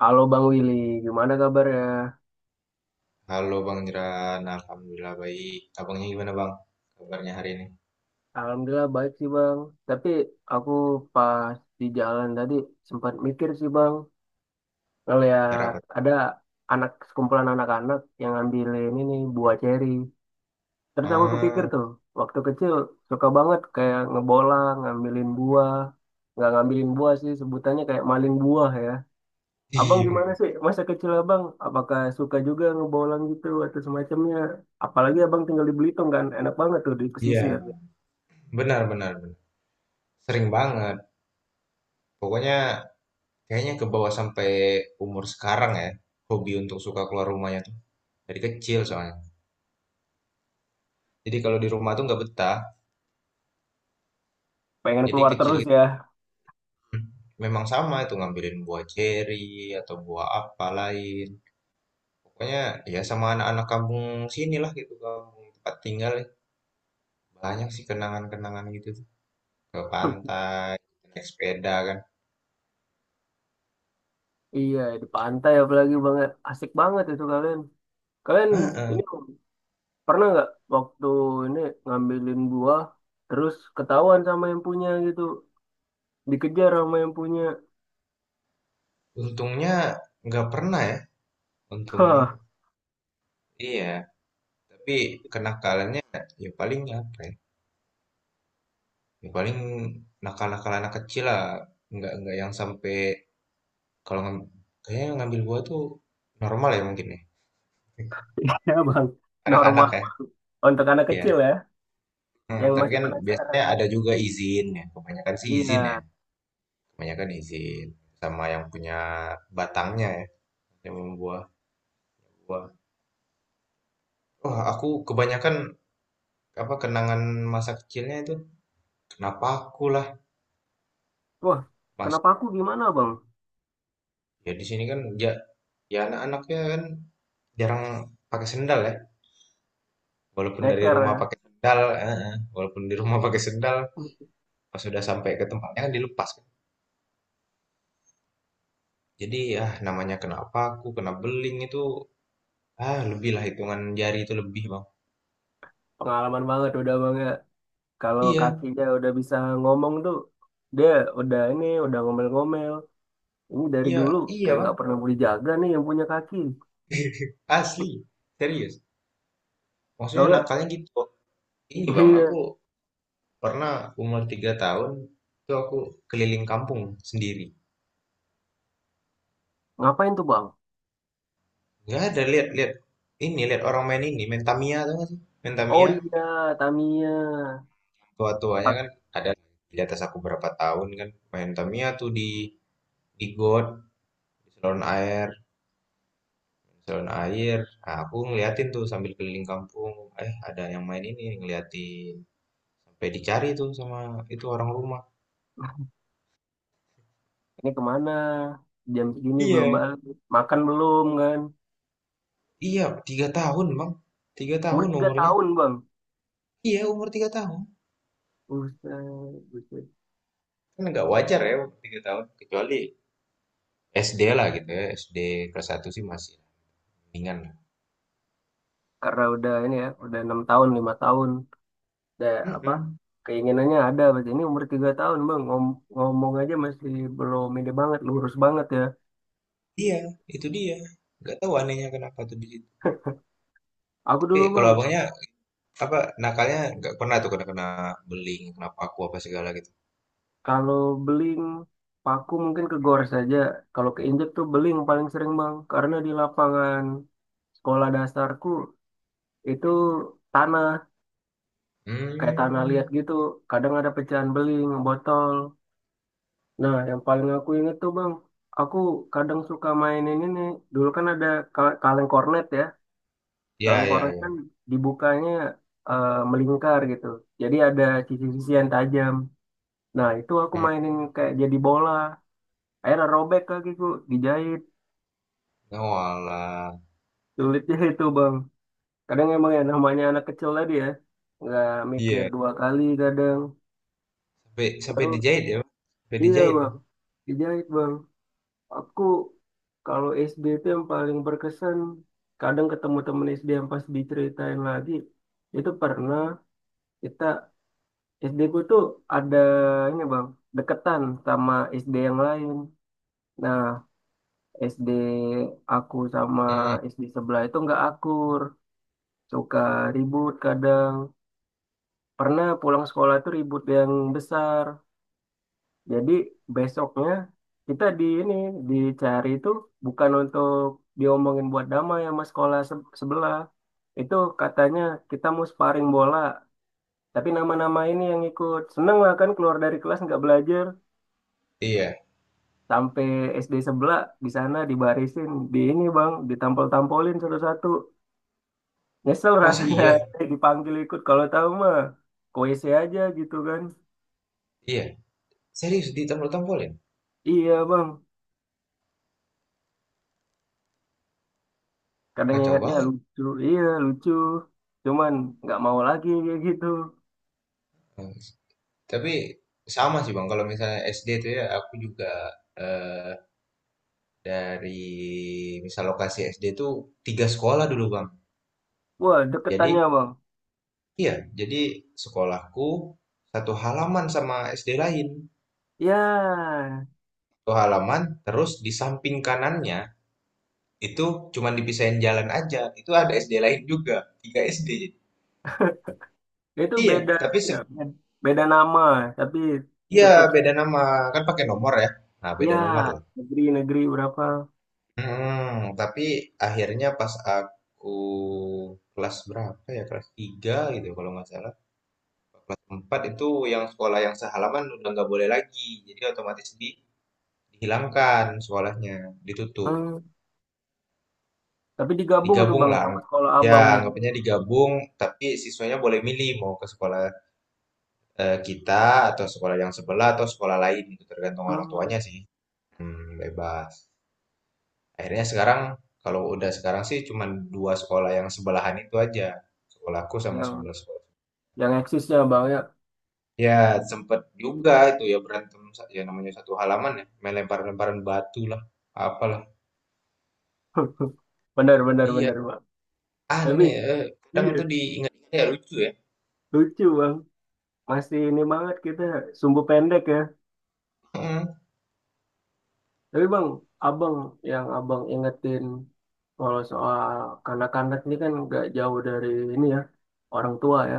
Halo Bang Willy, gimana kabarnya? Halo Bang Jeran, Alhamdulillah baik. Abangnya gimana Bang? Kabarnya hari ini? Alhamdulillah baik sih Bang. Tapi aku pas di jalan tadi sempat mikir sih Bang, Kira ngeliat apa? ada sekumpulan anak-anak yang ngambilin ini buah ceri. Terus aku kepikir Ah, tuh, waktu kecil suka banget kayak ngebolang, ngambilin buah. Nggak ngambilin buah sih, sebutannya kayak maling buah ya. Abang gimana iya, sih masa kecil abang? Apakah suka juga ngebolang gitu atau semacamnya? Apalagi abang tinggal di Belitung kan, enak banget tuh di iya, pesisir. benar, benar, benar. Sering banget. Pokoknya kayaknya ke bawah sampai umur sekarang ya. Hobi untuk suka keluar rumahnya tuh. Dari kecil soalnya. Jadi kalau di rumah tuh nggak betah. Pengen Jadi keluar kecil terus gitu. ya. hmm, Memang sama itu ngambilin buah ceri atau buah apa lain. Pokoknya ya sama anak-anak kampung sini lah gitu. Kampung tempat tinggal. Ya. Banyak sih kenangan-kenangan gitu. Ke pantai, naik sepeda kan. Iya, di pantai apalagi banget. Asik banget itu kalian. Kalian Hah, ini pernah nggak waktu ini ngambilin buah, terus ketahuan sama yang punya gitu. Dikejar sama yang punya. untungnya nggak pernah ya, untungnya. Hah, Iya, tapi kenakalannya ya paling apa ya? Ya paling nakal-nakal anak kecil lah. Nggak yang sampai kalau ngam- kayaknya yang ngambil buah tuh normal ya mungkin ya. ya bang. Anak-anak Normal. ya. Untuk anak Iya. kecil ya, yang Tapi masih kan biasanya penasaran. ada juga izin ya, kebanyakan sih izin ya, Iya. kebanyakan izin sama yang punya batangnya ya, yang membuah buah. Wah, aku kebanyakan apa kenangan masa kecilnya itu kenapa aku lah Wah, mas. kenapa aku gimana bang? Ya di sini kan ya anak-anaknya kan jarang pakai sendal ya, walaupun dari Neker rumah ya. pakai sendal walaupun di rumah pakai sendal, pas sudah sampai ke tempatnya kan dilepas kan. Jadi namanya kenapa aku kena beling itu. Ah, lebih lah hitungan jari itu, lebih bang. Pengalaman banget udah bang ya. Kalau Iya, kakinya udah bisa ngomong tuh, dia udah ini, udah ngomel-ngomel. Ini dari iya, dulu iya, kayak bang. nggak pernah boleh jaga nih yang punya kaki. Asli, serius, maksudnya Soalnya nakalnya gitu. Ini bang, aku iya. pernah umur 3 tahun itu aku keliling kampung sendiri. Ngapain tuh bang? Nggak ada, lihat, lihat. Ini, lihat orang main ini, main Tamiya tuh nggak sih? Main Oh Tamiya, iya, Tamiya. tua-tuanya Pak, kan ada di atas aku berapa tahun kan. Main Tamiya tuh di got, di saluran air, di saluran air. Nah, aku ngeliatin tuh sambil keliling kampung. Eh, ada yang main ini, ngeliatin. Sampai dicari tuh sama itu orang rumah. ini kemana? Jam segini belum Iya, balik. Makan belum kan? iya, 3 tahun, Bang. Tiga Umur tahun 3 umurnya. tahun bang. Iya, umur 3 tahun. Buset, buset. Kan nggak wajar ya umur 3 tahun. Kecuali SD lah gitu ya. SD kelas satu sih masih ringan. Karena udah ini ya, udah enam tahun, lima tahun. Udah apa? Mhm. Keinginannya ada, berarti ini umur 3 tahun bang. Ngomong aja masih belum ini banget, lurus banget ya. Iya, itu dia. Nggak tahu anehnya kenapa tuh di situ. Aku Tapi dulu kalau bang. abangnya apa nakalnya nggak pernah tuh kena kena beling, kenapa aku apa segala gitu. Kalau beling, paku mungkin ke gor saja. Kalau keinjek tuh beling paling sering bang, karena di lapangan sekolah dasarku itu tanah, kayak tanah liat Hmm, gitu. Kadang ada pecahan beling, botol. Nah, yang paling aku inget tuh bang, aku kadang suka mainin ini. Dulu kan ada kaleng kornet ya. ya, Kaleng ya, kornet ya. kan dibukanya melingkar gitu. Jadi ada sisi-sisi yang tajam. Nah, itu aku Hmm. mainin kayak jadi bola. Akhirnya robek kakiku, dijahit. Oh, alah. Sulitnya itu bang, kadang emang ya namanya anak kecil tadi ya, nggak mikir Iya. dua kali kadang. Sampai sampai Terus dijahit ya, Bang? Sampai iya dijahit. bang, dijahit bang. Aku kalau SD itu yang paling berkesan, kadang ketemu temen SD yang pas diceritain lagi itu pernah. Kita SD ku tuh ada ini bang, deketan sama SD yang lain. Nah, SD aku sama Mhm. SD sebelah itu nggak akur, suka ribut kadang. Pernah pulang sekolah tuh ribut yang besar. Jadi besoknya kita di ini dicari itu bukan untuk diomongin buat damai sama sekolah sebelah. Itu katanya kita mau sparring bola. Tapi nama-nama ini yang ikut seneng lah, kan keluar dari kelas nggak belajar Iya. sampai SD sebelah di sana dibarisin di ini bang, ditampol-tampolin satu-satu. Nyesel Masih rasanya iya, dipanggil ikut, kalau tahu mah koisi aja gitu kan. iya. Serius ditampol-tampolin. Iya bang, kadang Kacau ingatnya banget. lucu, iya lucu, cuman nggak mau lagi kayak gitu. Hmm. Tapi sama sih bang, kalau misalnya SD tuh ya aku juga eh, dari misal lokasi SD tuh tiga sekolah dulu bang. Wah Jadi, deketannya bang, iya, jadi sekolahku satu halaman sama SD lain. ya Satu halaman, terus di samping kanannya itu cuman dipisahin jalan aja. Itu ada SD lain juga, 3 SD. itu Iya, beda, tapi ya, beda nama, tapi iya tetap beda nama, kan pakai nomor ya. Nah, beda ya nomor lah. negeri-negeri berapa. Tapi akhirnya pas aku kelas berapa ya? Kelas 3 gitu kalau nggak salah. Kelas 4 itu yang sekolah yang sehalaman udah nggak boleh lagi. Jadi otomatis dihilangkan sekolahnya, ditutup. Hmm. Tapi digabung tuh Digabung bang lah. sama sekolah Ya, abang jadi. anggapnya digabung, tapi siswanya boleh milih mau ke sekolah kita, atau sekolah yang sebelah atau sekolah lain, gitu, tergantung orang Hmm. tuanya sih. Bebas. Akhirnya sekarang, kalau udah sekarang sih cuman dua sekolah yang sebelahan itu aja. Sekolahku sama Yang sebelah sekolah. yang eksisnya bang ya, Ya, sempet juga itu ya berantem, ya namanya satu halaman ya, main lempar-lemparan batu lah, apalah. benar benar Iya, benar bang. Tapi aneh, eh, kadang iya tuh diingat-ingat ya lucu ya. lucu bang, masih ini banget kita sumbu pendek ya. Hmm. Tapi bang, abang yang abang ingetin kalau soal kanak-kanak ini kan nggak jauh dari ini ya, orang tua ya.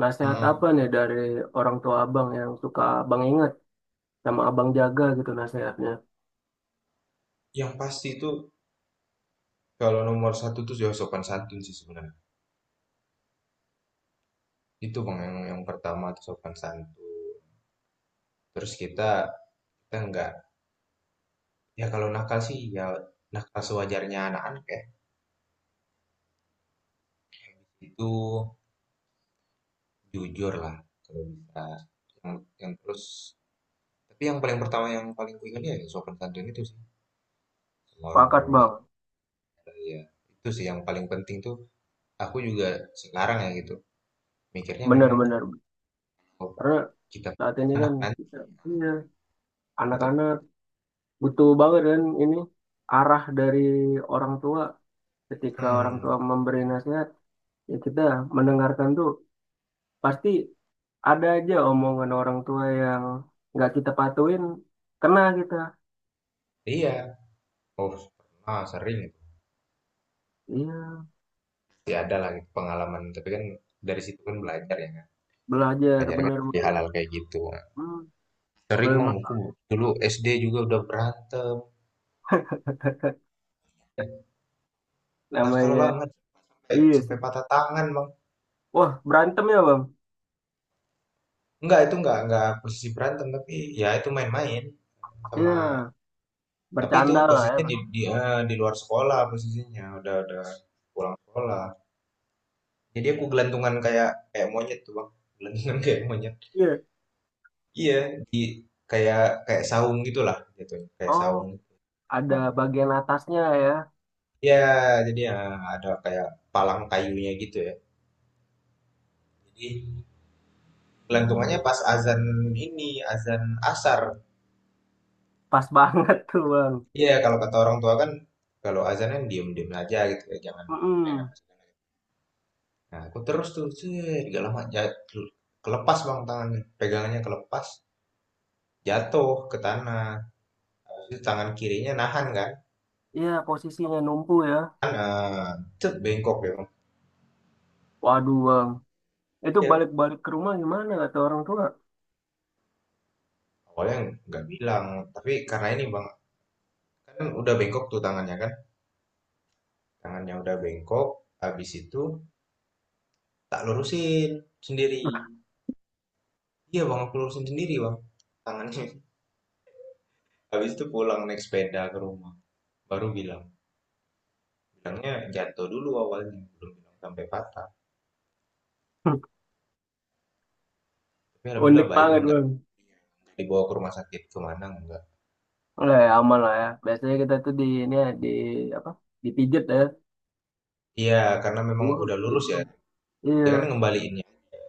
Nasihat apa Heeh. nih dari orang tua abang yang suka abang inget sama abang jaga gitu nasihatnya? Yang pasti itu kalau nomor satu tuh ya sopan santun sih sebenarnya. Itu bang yang pertama tuh sopan santun. Terus kita kita nggak, ya kalau nakal sih ya nakal sewajarnya anak-anak ya. Itu jujur lah kalau bisa. Yang terus tapi yang paling pertama yang paling ku ingat ya sopan santun itu sih sama orang Pakat tua bang, sama saya. Itu sih yang paling penting tuh aku juga sekarang ya gitu. Mikirnya memang, benar-benar. oh, Karena kita saat punya ini kan anak nanti kita, iya, tetap. anak-anak butuh banget kan ini arah dari orang tua. Ketika orang tua Hmm, memberi nasihat, ya kita mendengarkan tuh pasti. Ada aja omongan orang tua yang nggak kita patuin, kena kita. iya. Oh, pernah, sering itu. Iya, Pasti ada lah gitu pengalaman. Tapi kan dari situ kan belajar ya, kan. belajar Belajar kan bener. dari hal-hal kayak gitu. Hmm, Sering apalagi mang aku dulu SD juga udah berantem. Nakal namanya banget. Sampai, iya sampai sih. patah tangan bang. Wah, berantem ya bang? Enggak, itu enggak posisi berantem. Tapi ya itu main-main sama. Iya, Tapi itu bercanda lah ya. posisinya Bang. Di luar sekolah posisinya. Udah pulang sekolah. Jadi aku gelantungan kayak kayak monyet tuh bang. Gelantungan kayak monyet. Iya. Iya, di kayak kayak saung gitulah gitu, kayak Oh, saung. ada Cuman, bagian atasnya ya. ya, jadi ya ada kayak palang kayunya gitu ya. Jadi gelantungannya. Oh, pas azan ini, azan asar. Pas banget tuh bang. Iya, kalau kata orang tua kan kalau azan kan diem-diem aja gitu ya, jangan main apa Mm-mm. segala. Nah, aku terus tuh, set, gak lama jatuh, kelepas bang tangannya, pegangannya kelepas, jatuh ke tanah. Terus tangan kirinya nahan kan, Iya, posisinya numpu ya. kan eh, cet, bengkok ya bang. Waduh bang, itu balik-balik ke rumah gimana kata orang tua? Awalnya nggak bilang, tapi karena ini bang, kan udah bengkok tuh tangannya kan, tangannya udah bengkok. Habis itu tak lurusin sendiri. Iya bang, aku lurusin sendiri bang tangannya. Habis itu pulang naik sepeda ke rumah, baru bilang. Bilangnya jatuh dulu, awalnya belum bilang sampai patah. Tapi alhamdulillah Unik baik, banget enggak bang. dibawa ke rumah sakit kemana enggak. Lah, ya, aman lah ya. Biasanya kita tuh di ini ya, di apa? Dipijet. Iya, karena memang Urut, udah lurus ya, diurut. dia kan Iya, ngembaliinnya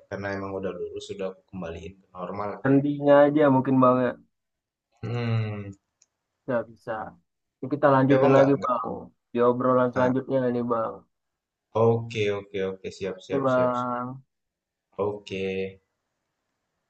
karena emang udah lurus, sudah aku kembaliin ke normal. sendinya aja mungkin Bang ya. Hmm. Nggak bisa. Ini kita Tapi lanjutin abang nggak lagi nggak Bang. Di obrolan nah. selanjutnya ini Bang. Oke, oke, oke, siap, Oke siap, siap, siap. Bang. Oke.